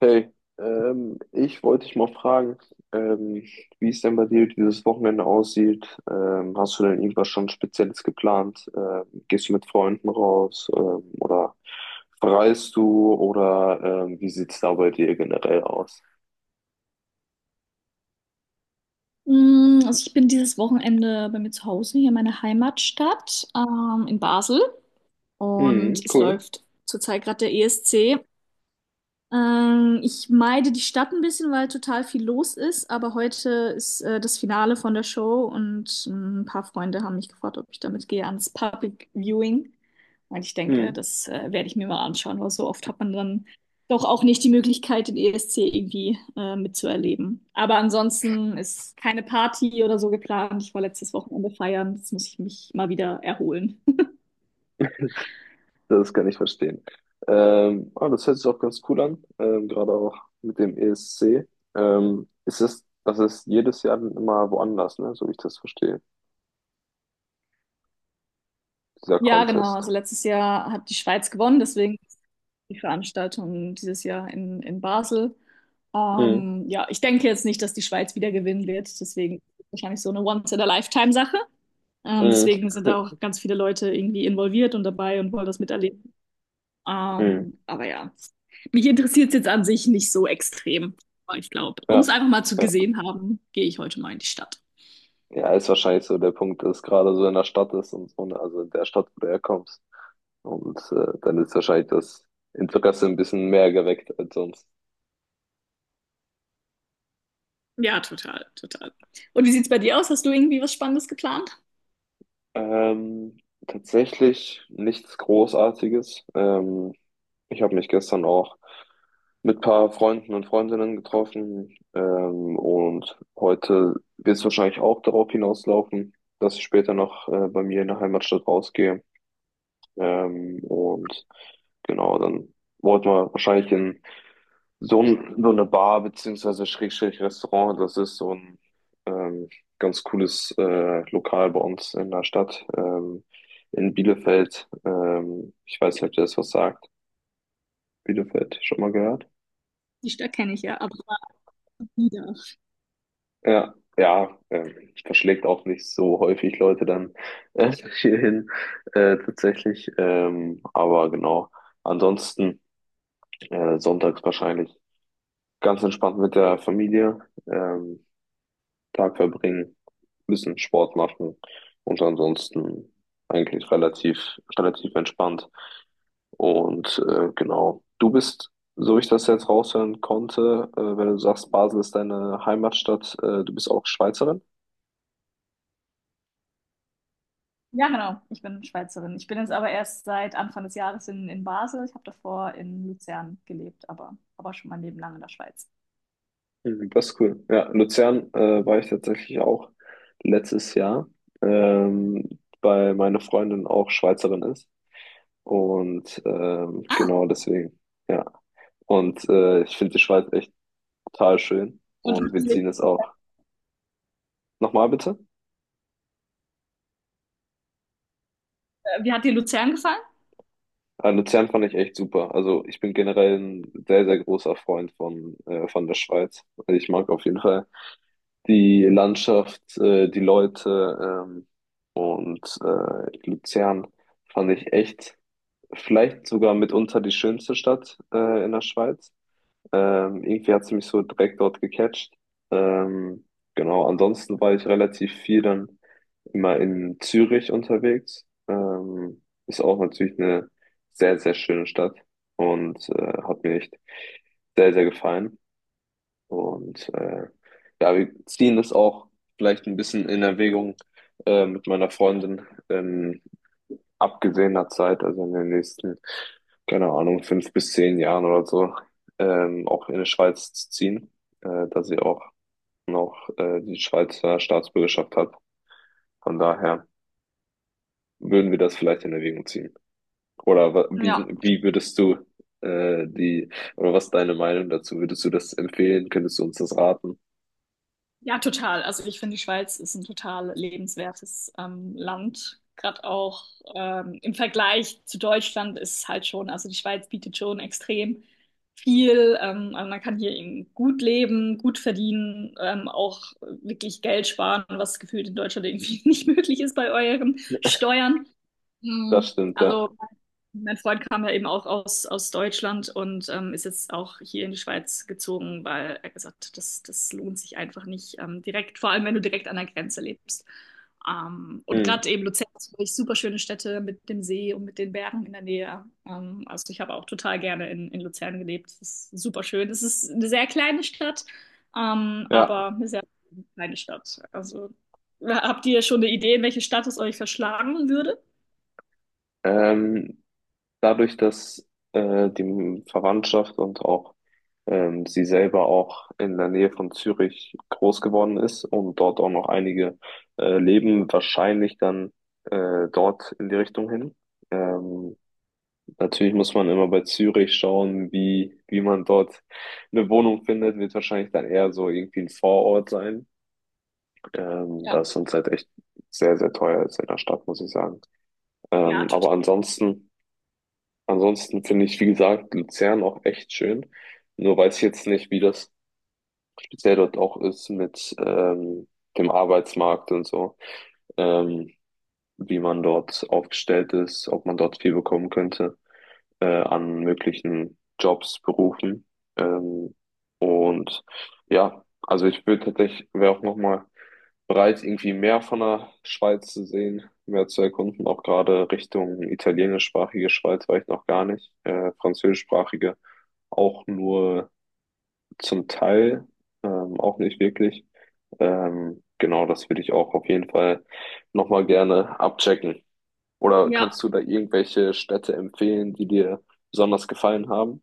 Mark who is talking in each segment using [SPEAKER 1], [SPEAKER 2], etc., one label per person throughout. [SPEAKER 1] Hey, ich wollte dich mal fragen, ähm, wie es denn bei dir dieses Wochenende aussieht. Hast du denn irgendwas schon Spezielles geplant? Gehst du mit Freunden raus, oder verreist du oder wie sieht's da bei dir generell aus?
[SPEAKER 2] Mm, also ich bin dieses Wochenende bei mir zu Hause, hier in meiner Heimatstadt, in Basel.
[SPEAKER 1] Mhm,
[SPEAKER 2] Und es
[SPEAKER 1] cool.
[SPEAKER 2] läuft zurzeit gerade der ESC. Ich meide die Stadt ein bisschen, weil total viel los ist, aber heute ist das Finale von der Show, und ein paar Freunde haben mich gefragt, ob ich damit gehe ans Public Viewing. Und ich denke,
[SPEAKER 1] Mhm,
[SPEAKER 2] das werde ich mir mal anschauen, weil so oft hat man dann doch auch nicht die Möglichkeit, den ESC irgendwie mitzuerleben. Aber ansonsten ist keine Party oder so geplant. Ich war letztes Wochenende feiern, jetzt muss ich mich mal wieder erholen.
[SPEAKER 1] das kann ich verstehen. Das hört sich auch ganz cool an, gerade auch mit dem ESC. Das ist jedes Jahr dann immer woanders, ne? So wie ich das verstehe, dieser
[SPEAKER 2] Ja, genau.
[SPEAKER 1] Contest.
[SPEAKER 2] Also letztes Jahr hat die Schweiz gewonnen, deswegen ist die Veranstaltung dieses Jahr in Basel. Ja, ich denke jetzt nicht, dass die Schweiz wieder gewinnen wird, deswegen wahrscheinlich so eine Once-in-a-Lifetime-Sache.
[SPEAKER 1] Mhm.
[SPEAKER 2] Deswegen sind da auch ganz viele Leute irgendwie involviert und dabei und wollen das miterleben.
[SPEAKER 1] Mhm.
[SPEAKER 2] Aber ja, mich interessiert es jetzt an sich nicht so extrem. Aber ich glaube, um es
[SPEAKER 1] Ja.
[SPEAKER 2] einfach mal zu
[SPEAKER 1] Ja.
[SPEAKER 2] gesehen haben, gehe ich heute mal in die Stadt.
[SPEAKER 1] Ja, ist wahrscheinlich so der Punkt, dass gerade so in der Stadt ist und so, ne? Also in der Stadt, wo du herkommst. Und dann ist wahrscheinlich das Interesse ein bisschen mehr geweckt als sonst.
[SPEAKER 2] Ja, total, total. Und wie sieht's bei dir aus? Hast du irgendwie was Spannendes geplant?
[SPEAKER 1] Ähm, Tatsächlich nichts Großartiges. Ich habe mich gestern auch mit ein paar Freunden und Freundinnen getroffen. Und heute wird es wahrscheinlich auch darauf hinauslaufen, dass ich später noch bei mir in der Heimatstadt rausgehe. Und genau, dann wollten wir wahrscheinlich in so eine Bar beziehungsweise Schrägstrich Restaurant. Das ist so ein ähm, ganz cooles Lokal bei uns in der Stadt, in Bielefeld. Ich weiß nicht, ob dir das was sagt. Bielefeld, schon mal gehört?
[SPEAKER 2] Die Stadt kenne ich ja, aber. Wieder.
[SPEAKER 1] Ja, ja, verschlägt auch nicht so häufig Leute dann äh, hierhin tatsächlich. Aber genau, ansonsten sonntags wahrscheinlich ganz entspannt mit der Familie, ähm, Tag verbringen, bisschen Sport machen und ansonsten eigentlich relativ entspannt. Und genau, du bist, so ich das jetzt raushören konnte, wenn du sagst, Basel ist deine Heimatstadt, du bist auch Schweizerin.
[SPEAKER 2] Ja, genau. Ich bin Schweizerin. Ich bin jetzt aber erst seit Anfang des Jahres in Basel. Ich habe davor in Luzern gelebt, aber schon mein Leben lang in der Schweiz.
[SPEAKER 1] Mhm, das ist cool. Ja, Luzern war ich tatsächlich auch letztes Jahr, ähm, weil meine Freundin auch Schweizerin ist. Und
[SPEAKER 2] Ah,
[SPEAKER 1] genau deswegen, ja. Und ich finde die Schweiz echt total schön.
[SPEAKER 2] und hat
[SPEAKER 1] Und wir
[SPEAKER 2] sie,
[SPEAKER 1] ziehen es auch. Nochmal bitte?
[SPEAKER 2] Wie hat dir Luzern gefallen?
[SPEAKER 1] Luzern fand ich echt super. Also ich bin generell ein sehr großer Freund von der Schweiz. Also, ich mag auf jeden Fall die Landschaft, die Leute, ähm, Luzern fand ich echt vielleicht sogar mitunter die schönste Stadt in der Schweiz. Irgendwie hat sie mich so direkt dort gecatcht. Ähm, genau, ansonsten war ich relativ viel dann immer in Zürich unterwegs. Ist auch natürlich eine sehr schöne Stadt und hat mir echt sehr gefallen. Und ja, wir ziehen das auch vielleicht ein bisschen in Erwägung, mit meiner Freundin. Ähm, Abgesehener Zeit, also in den nächsten, keine Ahnung, fünf bis zehn Jahren oder so, auch in die Schweiz zu ziehen, da sie auch noch die Schweizer Staatsbürgerschaft hat. Von daher würden wir das vielleicht in Erwägung ziehen. Wie,
[SPEAKER 2] Ja.
[SPEAKER 1] wie würdest du äh, die, oder was ist deine Meinung dazu? Würdest du das empfehlen? Könntest du uns das raten?
[SPEAKER 2] Ja, total. Also ich finde, die Schweiz ist ein total lebenswertes Land. Gerade auch im Vergleich zu Deutschland ist es halt schon, also die Schweiz bietet schon extrem viel. Also man kann hier eben gut leben, gut verdienen, auch wirklich Geld sparen, was gefühlt in Deutschland irgendwie nicht möglich ist bei euren Steuern.
[SPEAKER 1] Das
[SPEAKER 2] Mhm.
[SPEAKER 1] stimmt, ja.
[SPEAKER 2] Also mein Freund kam ja eben auch aus Deutschland und ist jetzt auch hier in die Schweiz gezogen, weil er gesagt hat, das lohnt sich einfach nicht direkt, vor allem wenn du direkt an der Grenze lebst. Und
[SPEAKER 1] Hm.
[SPEAKER 2] gerade eben Luzern ist wirklich super schöne Städte mit dem See und mit den Bergen in der Nähe. Also ich habe auch total gerne in Luzern gelebt. Es ist super schön. Es ist eine sehr kleine Stadt,
[SPEAKER 1] Ja.
[SPEAKER 2] aber eine sehr kleine Stadt. Also habt ihr schon eine Idee, in welche Stadt es euch verschlagen würde?
[SPEAKER 1] Ähm, dadurch, dass die Verwandtschaft und auch sie selber auch in der Nähe von Zürich groß geworden ist und dort auch noch einige leben, wahrscheinlich dann dort in die Richtung hin. Ähm, Natürlich muss man immer bei Zürich schauen, wie man dort eine Wohnung findet, wird wahrscheinlich dann eher so irgendwie ein Vorort sein, da
[SPEAKER 2] Ja,
[SPEAKER 1] es uns halt echt sehr teuer ist in der Stadt, muss ich sagen.
[SPEAKER 2] ja,
[SPEAKER 1] Ähm,
[SPEAKER 2] total.
[SPEAKER 1] aber ansonsten, ansonsten finde ich, wie gesagt, Luzern auch echt schön. Nur weiß ich jetzt nicht, wie das speziell dort auch ist mit dem Arbeitsmarkt und so, ähm, wie man dort aufgestellt ist, ob man dort viel bekommen könnte an möglichen Jobs, Berufen. Ähm, und ja, also ich würde tatsächlich, wäre auch nochmal bereit, irgendwie mehr von der Schweiz zu sehen, mehr zu erkunden, auch gerade Richtung italienischsprachige Schweiz war ich noch gar nicht, französischsprachige auch nur zum Teil, auch nicht wirklich. Genau, das würde ich auch auf jeden Fall nochmal gerne abchecken. Oder
[SPEAKER 2] Ja.
[SPEAKER 1] kannst du da irgendwelche Städte empfehlen, die dir besonders gefallen haben?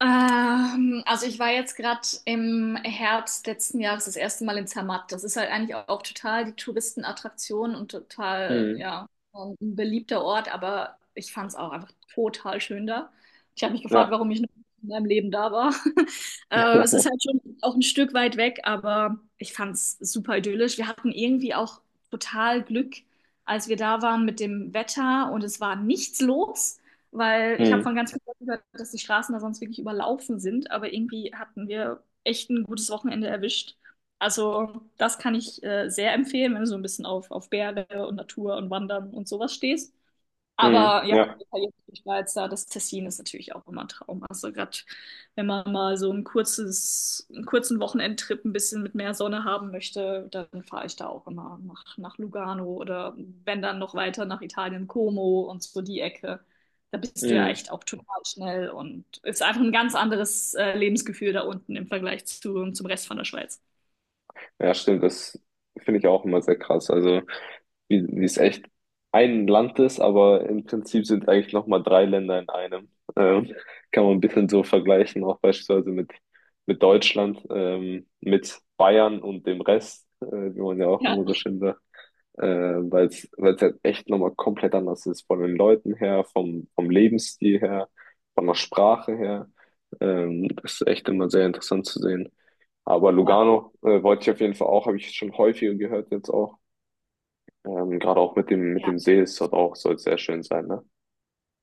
[SPEAKER 2] Also ich war jetzt gerade im Herbst letzten Jahres das erste Mal in Zermatt. Das ist halt eigentlich auch total die Touristenattraktion und total,
[SPEAKER 1] Mhm.
[SPEAKER 2] ja, ein beliebter Ort, aber ich fand es auch einfach total schön da. Ich habe mich gefragt,
[SPEAKER 1] Ja.
[SPEAKER 2] warum ich noch nie in meinem Leben da war. Es ist halt schon auch ein Stück weit weg, aber ich fand es super idyllisch. Wir hatten irgendwie auch total Glück, als wir da waren mit dem Wetter, und es war nichts los, weil ich habe
[SPEAKER 1] Mhm.
[SPEAKER 2] von ganz vielen Leuten gehört, dass die Straßen da sonst wirklich überlaufen sind, aber irgendwie hatten wir echt ein gutes Wochenende erwischt. Also das kann ich sehr empfehlen, wenn du so ein bisschen auf Berge und Natur und Wandern und sowas stehst.
[SPEAKER 1] Mhm.
[SPEAKER 2] Aber ja,
[SPEAKER 1] Ja.
[SPEAKER 2] die italienische Schweiz da, das Tessin ist natürlich auch immer ein Traum. Also gerade wenn man mal so ein kurzes, einen kurzen Wochenendtrip ein bisschen mit mehr Sonne haben möchte, dann fahre ich da auch immer nach Lugano oder wenn dann noch weiter nach Italien, Como und so die Ecke. Da bist du ja
[SPEAKER 1] Mhm.
[SPEAKER 2] echt auch total schnell und ist einfach ein ganz anderes Lebensgefühl da unten im Vergleich zum Rest von der Schweiz.
[SPEAKER 1] Ja, stimmt. Das finde ich auch immer sehr krass. Also wie es echt ein Land ist, aber im Prinzip sind eigentlich nochmal drei Länder in einem. Ähm, Kann man ein bisschen so vergleichen, auch beispielsweise mit Deutschland, mit Bayern und dem Rest, wie man ja auch
[SPEAKER 2] Ja,
[SPEAKER 1] immer so schön sagt, weil es halt echt nochmal komplett anders ist, von den Leuten her, vom Lebensstil her, von der Sprache her. Das ist echt immer sehr interessant zu sehen. Aber
[SPEAKER 2] ja,
[SPEAKER 1] Lugano, wollte ich auf jeden Fall auch, habe ich schon häufiger gehört jetzt auch. Gerade auch mit
[SPEAKER 2] ja.
[SPEAKER 1] dem See ist dort auch, soll sehr schön sein, ne?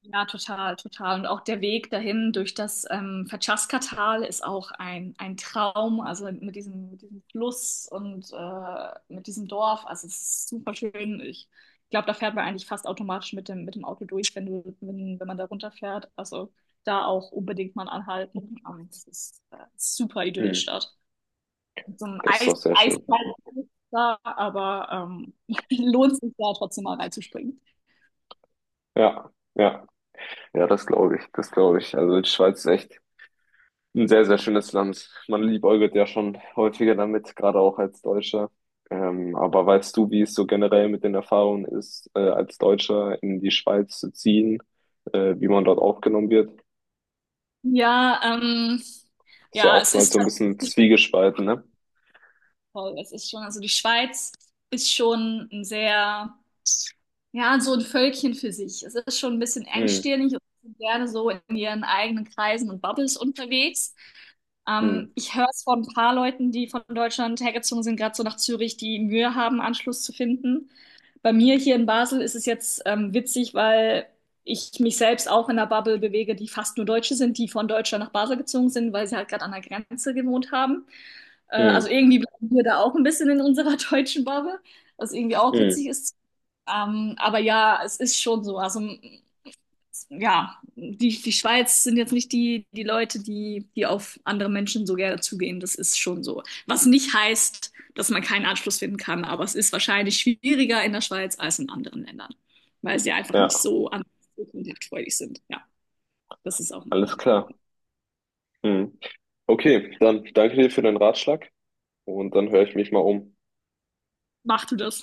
[SPEAKER 2] Ja, total, total. Und auch der Weg dahin durch das Verchaska-Tal ist auch ein Traum. Also mit diesem Fluss und mit diesem Dorf. Also es ist super schön. Ich glaube, da fährt man eigentlich fast automatisch mit dem Auto durch, wenn du, wenn, wenn man da runterfährt. Also da auch unbedingt mal anhalten. Es ist super idyllisch
[SPEAKER 1] Mhm.
[SPEAKER 2] dort. Mit so einem
[SPEAKER 1] Das ist doch sehr schön.
[SPEAKER 2] Eisfall da, aber lohnt sich da trotzdem mal reinzuspringen.
[SPEAKER 1] Ja, ja, ja, das glaube ich, das glaube ich. Also die Schweiz ist echt ein sehr schönes Land. Man liebäugelt ja schon häufiger damit, gerade auch als Deutscher. Aber weißt du, wie es so generell mit den Erfahrungen ist, als Deutscher in die Schweiz zu ziehen, wie man dort aufgenommen wird?
[SPEAKER 2] Ja,
[SPEAKER 1] Ist ja
[SPEAKER 2] ja, es
[SPEAKER 1] oftmals
[SPEAKER 2] ist
[SPEAKER 1] so ein bisschen zwiegespalten, ne?
[SPEAKER 2] voll, das ist schon, also die Schweiz ist schon ein sehr, ja, so ein Völkchen für sich. Es ist schon ein bisschen
[SPEAKER 1] Mhm.
[SPEAKER 2] engstirnig und sind gerne so in ihren eigenen Kreisen und Bubbles unterwegs.
[SPEAKER 1] Mhm.
[SPEAKER 2] Ich höre es von ein paar Leuten, die von Deutschland hergezogen sind, gerade so nach Zürich, die Mühe haben, Anschluss zu finden. Bei mir hier in Basel ist es jetzt witzig, weil ich mich selbst auch in einer Bubble bewege, die fast nur Deutsche sind, die von Deutschland nach Basel gezogen sind, weil sie halt gerade an der Grenze gewohnt haben. Also
[SPEAKER 1] Mhm.
[SPEAKER 2] irgendwie bleiben wir da auch ein bisschen in unserer deutschen Bubble, was irgendwie auch witzig
[SPEAKER 1] Mhm.
[SPEAKER 2] ist. Aber ja, es ist schon so. Also ja, die Schweiz sind jetzt nicht die, die Leute, die auf andere Menschen so gerne zugehen. Das ist schon so. Was nicht heißt, dass man keinen Anschluss finden kann, aber es ist wahrscheinlich schwieriger in der Schweiz als in anderen Ländern, weil sie einfach nicht
[SPEAKER 1] Ja,
[SPEAKER 2] so so kontaktfreudig sind. Ja, das ist auch eine.
[SPEAKER 1] alles klar. Mhm. Okay, dann danke dir für den Ratschlag und dann höre ich mich mal um.
[SPEAKER 2] Macht du das?